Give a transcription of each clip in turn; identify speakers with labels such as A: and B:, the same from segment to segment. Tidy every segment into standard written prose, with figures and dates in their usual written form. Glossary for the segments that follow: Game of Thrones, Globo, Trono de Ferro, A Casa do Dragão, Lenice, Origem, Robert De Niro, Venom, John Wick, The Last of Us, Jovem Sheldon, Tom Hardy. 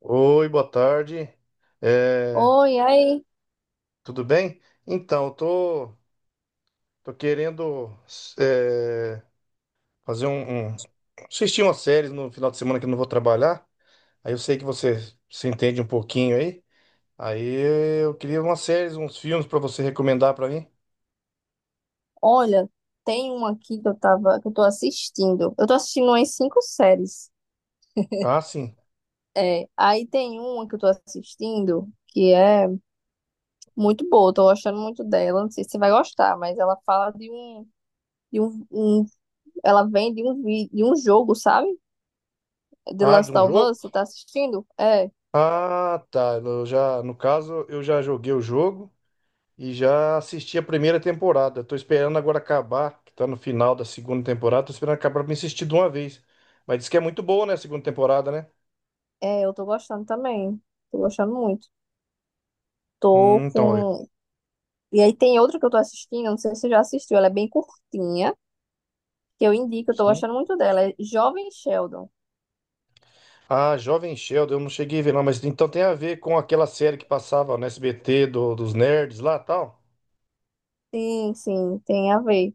A: Oi, boa tarde. É,
B: Oi, aí.
A: Tudo bem? Então, eu tô querendo é, fazer assistir umas séries no final de semana que eu não vou trabalhar. Aí eu sei que você se entende um pouquinho aí. Aí eu queria umas séries, uns filmes para você recomendar para mim.
B: Olha, tem uma aqui que eu tô assistindo. Eu tô assistindo umas 5 séries.
A: Ah, sim.
B: Aí tem uma que eu tô assistindo que é muito boa, tô gostando muito dela. Não sei se você vai gostar, mas ela fala de um, um- ela vem de um jogo, sabe? É The
A: Ah, de
B: Last
A: um
B: of
A: jogo?
B: Us, você tá assistindo?
A: Ah, tá. No caso, eu já joguei o jogo. E já assisti a primeira temporada. Tô esperando agora acabar, que tá no final da segunda temporada. Tô esperando acabar pra me assistir de uma vez. Mas diz que é muito boa, né, a segunda temporada, né?
B: Eu tô gostando também. Tô gostando muito. Tô
A: Hum, então, eu-
B: com. E aí tem outra que eu tô assistindo, não sei se você já assistiu, ela é bem curtinha. Que eu indico, eu tô
A: sim.
B: gostando muito dela. É Jovem Sheldon.
A: Ah, Jovem Sheldon, eu não cheguei a ver, não, mas então tem a ver com aquela série que passava no SBT dos nerds lá tal.
B: Sim, sim, tem a ver.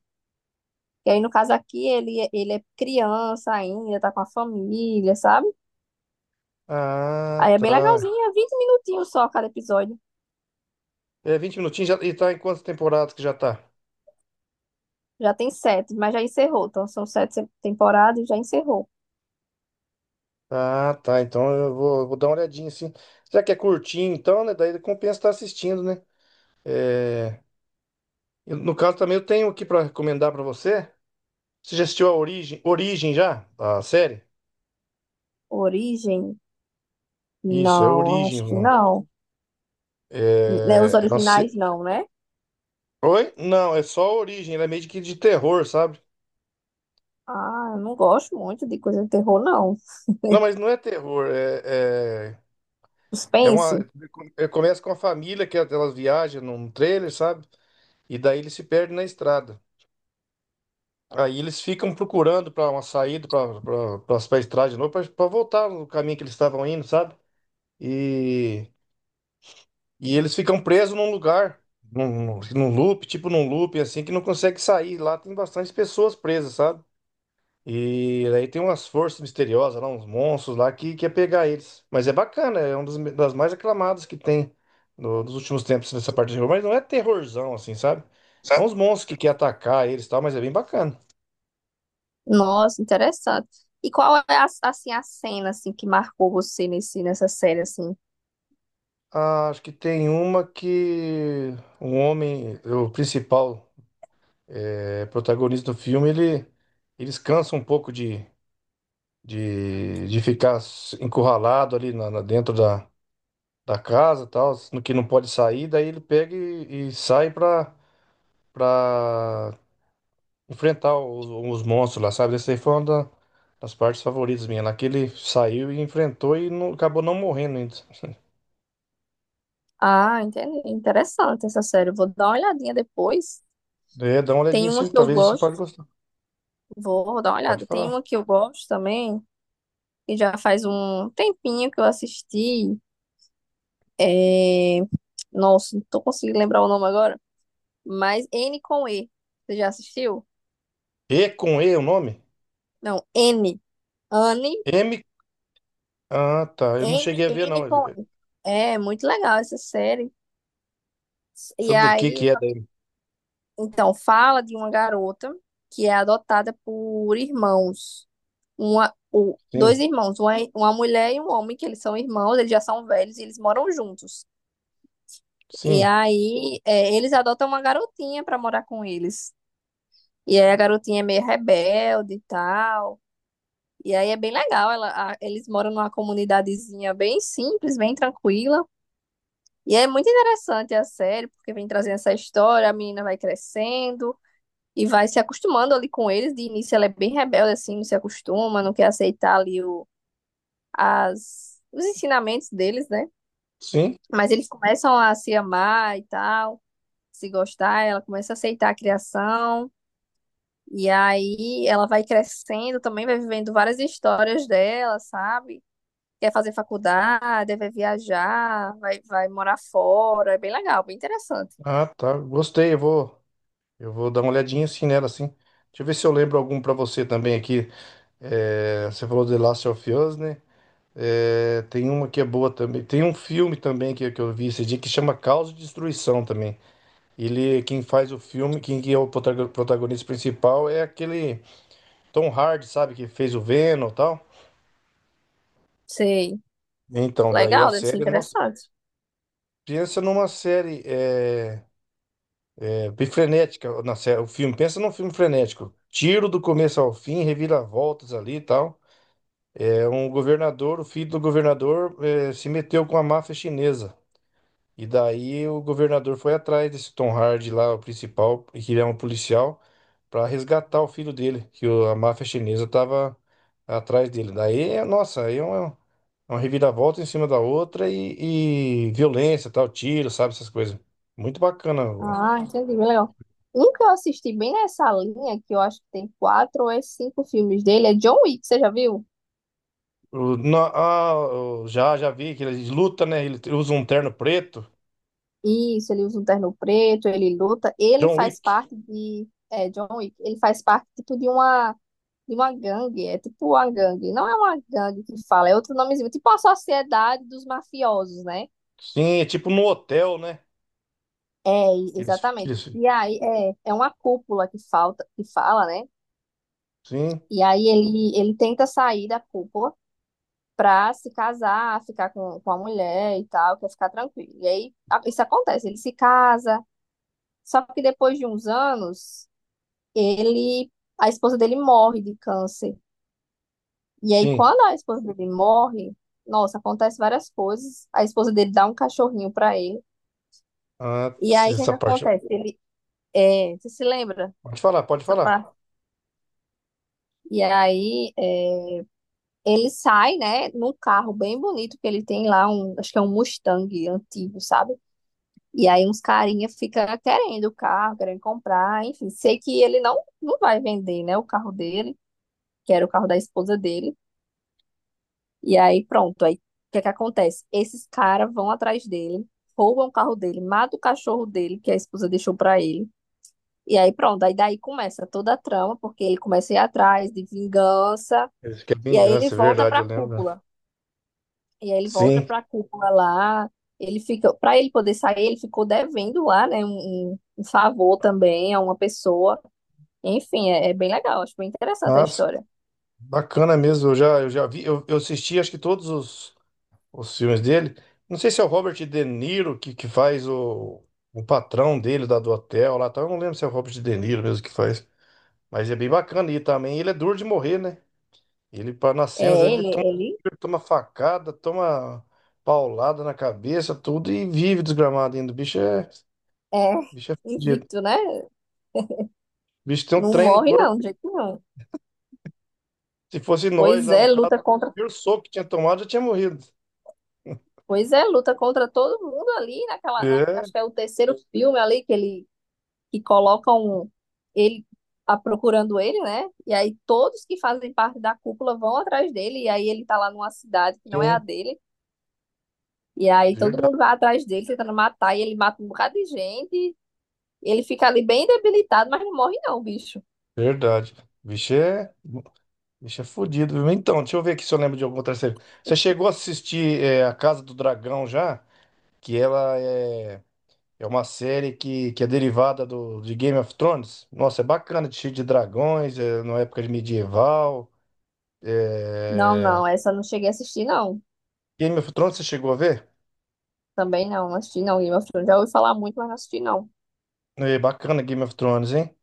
B: E aí, no caso aqui, ele é criança ainda, tá com a família, sabe?
A: Ah,
B: Aí é bem
A: tá.
B: legalzinho, é 20 minutinhos só cada episódio.
A: É 20 minutinhos já, e tá em quantas temporadas que já tá?
B: Já tem sete, mas já encerrou. Então, são sete se- temporadas e já encerrou.
A: Ah, tá. Então eu vou dar uma olhadinha assim. Já que é curtinho, então, né? Daí compensa estar assistindo, né? É. E, no caso, também eu tenho aqui para recomendar para você. Você já assistiu a Origem? Origem já? A série?
B: Origem?
A: Isso, é
B: Não,
A: Origem,
B: acho que
A: mano.
B: não. Né, Os
A: É... é uma
B: originais,
A: se-
B: não, né?
A: Oi? Não, é só Origem. Ela é meio que de terror, sabe?
B: Ah, eu não gosto muito de coisa de terror, não.
A: Não, mas não é terror. É
B: Suspense?
A: uma... Começa com a família que elas viajam num trailer, sabe? E daí eles se perdem na estrada. Aí eles ficam procurando para uma saída para estrada de novo, para voltar no caminho que eles estavam indo, sabe? E. E eles ficam presos num lugar, num loop, tipo num loop, assim, que não consegue sair. Lá tem bastante pessoas presas, sabe? E aí tem umas forças misteriosas lá, uns monstros lá que quer pegar eles. Mas é bacana, é uma das mais aclamadas que tem nos últimos tempos nessa parte de terror. Mas não é terrorzão, assim, sabe? É uns monstros que quer atacar eles e tal, mas é bem bacana.
B: Nossa, interessante. E qual é a, assim, a cena assim que marcou você nesse nessa série assim?
A: Ah, acho que tem uma que um homem, o principal, protagonista do filme, ele, eles cansam um pouco de ficar encurralado ali dentro da, da casa, tal, no que não pode sair, daí ele pega e sai pra para enfrentar os monstros lá, sabe? Essa aí foi uma das partes favoritas minha, lá que ele saiu e enfrentou e não, acabou não morrendo ainda.
B: Ah, entendi. Interessante essa série. Vou dar uma olhadinha depois.
A: É, dá uma
B: Tem
A: olhadinha
B: uma
A: sim, que
B: que eu
A: talvez você pode
B: gosto.
A: gostar.
B: Vou dar uma
A: Pode
B: olhada. Tem
A: falar.
B: uma que eu gosto também, que já faz um tempinho que eu assisti. É... Nossa, não tô conseguindo lembrar o nome agora, mas N com E. Você já assistiu?
A: E com E o nome?
B: Não, N. Anne,
A: M. Ah, tá. Eu não cheguei a ver, não.
B: N com E. É muito legal essa série. E
A: Sobre o que que
B: aí
A: é da M.
B: então, fala de uma garota que é adotada por irmãos. Dois
A: Sim,
B: irmãos, uma mulher e um homem, que eles são irmãos, eles já são velhos e eles moram juntos.
A: sim,
B: Eles adotam uma garotinha pra morar com eles. E aí a garotinha é meio rebelde e tal. E aí é bem legal, eles moram numa comunidadezinha bem simples, bem tranquila. E é muito interessante a série, porque vem trazendo essa história, a menina vai crescendo, e vai se acostumando ali com eles. De início ela é bem rebelde, assim, não se acostuma, não quer aceitar ali os ensinamentos deles, né?
A: sim.
B: Mas eles começam a se amar e tal, se gostar, ela começa a aceitar a criação. E aí ela vai crescendo também, vai vivendo várias histórias dela, sabe? Quer fazer faculdade, vai viajar, vai morar fora. É bem legal, bem interessante.
A: Ah, tá. Gostei, eu vou. Eu vou dar uma olhadinha assim nela, assim. Deixa eu ver se eu lembro algum pra você também aqui. É, você falou de Last of Us, né? É, tem uma que é boa também. Tem um filme também que eu vi esse dia que chama Caos e Destruição também. Ele, quem faz o filme, quem que é o protagonista principal é aquele Tom Hardy, sabe? Que fez o Venom e tal.
B: Sei.
A: Então, daí a
B: Legal, deve ser
A: série, nossa,
B: interessante.
A: pensa numa série bem frenética, na série, o filme, pensa num filme frenético. Tiro do começo ao fim, reviravoltas ali e tal. É um governador, o filho do governador se meteu com a máfia chinesa. E daí o governador foi atrás desse Tom Hardy lá, o principal, que ele é um policial, para resgatar o filho dele, que a máfia chinesa tava atrás dele. Daí, nossa, aí é uma reviravolta em cima da outra e violência, tal, tiro, sabe, essas coisas. Muito bacana.
B: Ah, entendi, bem legal. Um que eu assisti bem nessa linha, que eu acho que tem 4 ou 5 filmes dele, é John Wick, você já viu?
A: Já, já vi que ele luta, né? Ele usa um terno preto.
B: Isso, ele usa um terno preto, ele luta, ele
A: John
B: faz
A: Wick.
B: parte John Wick, ele faz parte, tipo, de uma gangue, é tipo uma gangue, não é uma gangue que fala, é outro nomezinho, tipo a sociedade dos mafiosos, né?
A: Sim, é tipo no hotel, né? Que eles, que
B: Exatamente.
A: eles,
B: É uma cúpula que falta, que fala, né?
A: sim,
B: E aí ele tenta sair da cúpula, pra se casar, ficar com a mulher e tal, quer ficar tranquilo. E aí isso acontece, ele se casa, só que depois de uns anos, ele, a esposa dele morre de câncer. E aí
A: sim.
B: quando a esposa dele morre, nossa, acontece várias coisas. A esposa dele dá um cachorrinho pra ele. E
A: Antes
B: aí o que é
A: dessa
B: que
A: parte.
B: acontece? Você se lembra
A: Pode falar, pode
B: dessa
A: falar.
B: parte? E aí é, ele sai, né, num carro bem bonito que ele tem lá, um, acho que é um Mustang antigo, sabe? E aí uns carinha fica querendo o carro, querendo comprar, enfim, sei que ele não vai vender, né, o carro dele, que era o carro da esposa dele. E aí pronto, aí o que é que acontece? Esses caras vão atrás dele, roubam o carro dele, matam o cachorro dele que a esposa deixou pra ele. E aí pronto, aí daí começa toda a trama, porque ele começa a ir atrás de vingança,
A: Eles querem
B: e aí ele
A: vingança, é
B: volta
A: verdade,
B: pra
A: eu lembro.
B: cúpula. E aí ele volta
A: Sim.
B: para Cuba lá. Ele fica, para ele poder sair, ele ficou devendo lá, né, um favor também a uma pessoa. Enfim, é, é bem legal, acho bem interessante a
A: Nossa,
B: história.
A: bacana mesmo. Eu já vi, eu assisti acho que todos os filmes dele. Não sei se é o Robert De Niro que faz o patrão dele da, do hotel lá, tal. Eu não lembro se é o Robert De Niro mesmo que faz. Mas é bem bacana. E também ele é duro de morrer, né? Ele, nas cenas, ele toma,
B: Ele
A: tiro, toma facada, toma paulada na cabeça, tudo, e vive desgramado ainda. O
B: é
A: bicho é fudido.
B: invicto, né?
A: O bicho tem um
B: Não
A: trem no
B: morre não,
A: corpo.
B: de jeito nenhum.
A: Se fosse nós
B: Pois
A: lá no
B: é,
A: caso,
B: luta
A: o
B: contra,
A: primeiro soco que tinha tomado já tinha morrido.
B: pois é, luta contra todo mundo ali
A: É,
B: acho que é o terceiro filme ali que colocam ele a, procurando ele, né? E aí todos que fazem parte da cúpula vão atrás dele, e aí ele tá lá numa cidade que não é a
A: sim,
B: dele, e aí todo
A: verdade,
B: mundo vai atrás dele tentando matar, e ele mata um bocado de gente, ele fica ali bem debilitado, mas não morre não, bicho.
A: verdade. O bicho é fudido. Viu? Então, deixa eu ver aqui se eu lembro de alguma outra série. Você chegou a assistir A Casa do Dragão já? Que ela é. É uma série que é derivada de Game of Thrones. Nossa, é bacana, cheio de dragões, é, na época de medieval.
B: Não,
A: É...
B: não, essa eu não cheguei a assistir, não.
A: Game of Thrones, você chegou a ver?
B: Também não, não assisti não, Game of Thrones. Já ouvi falar muito, mas não assisti não.
A: É bacana Game of Thrones, hein?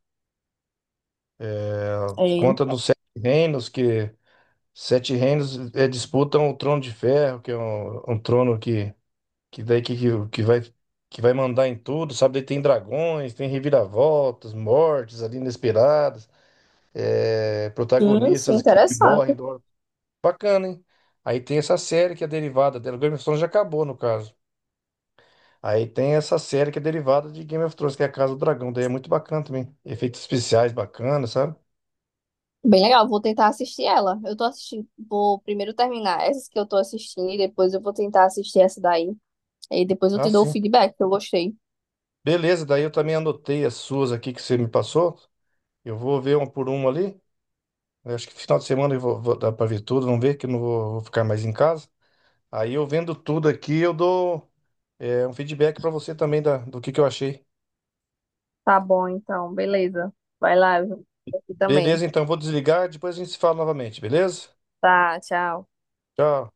B: É,
A: Conta dos Sete Reinos, que Sete Reinos é, disputam o Trono de Ferro, que é um, um trono que, daí, que vai mandar em tudo, sabe? Daí tem dragões, tem reviravoltas, mortes ali inesperadas, é,
B: sim, sim,
A: protagonistas que morrem
B: interessante.
A: do Bacana, hein? Aí tem essa série que é derivada dela. Game of Thrones já acabou, no caso. Aí tem essa série que é derivada de Game of Thrones, que é a Casa do Dragão. Daí é muito bacana também. Efeitos especiais bacanas, sabe?
B: Bem legal, vou tentar assistir ela. Eu tô assistindo, vou primeiro terminar essas que eu tô assistindo e depois eu vou tentar assistir essa daí. E depois eu
A: Ah,
B: te dou o
A: sim.
B: feedback que eu gostei.
A: Beleza, daí eu também anotei as suas aqui que você me passou. Eu vou ver uma por uma ali. Eu acho que final de semana eu vou dar pra ver tudo. Vamos ver que eu não vou ficar mais em casa. Aí eu vendo tudo aqui, eu dou um feedback pra você também da, do que eu achei.
B: Tá bom, então, beleza. Vai lá, eu vou aqui também.
A: Beleza, então eu vou desligar. Depois a gente se fala novamente, beleza?
B: Tá, tchau.
A: Tchau.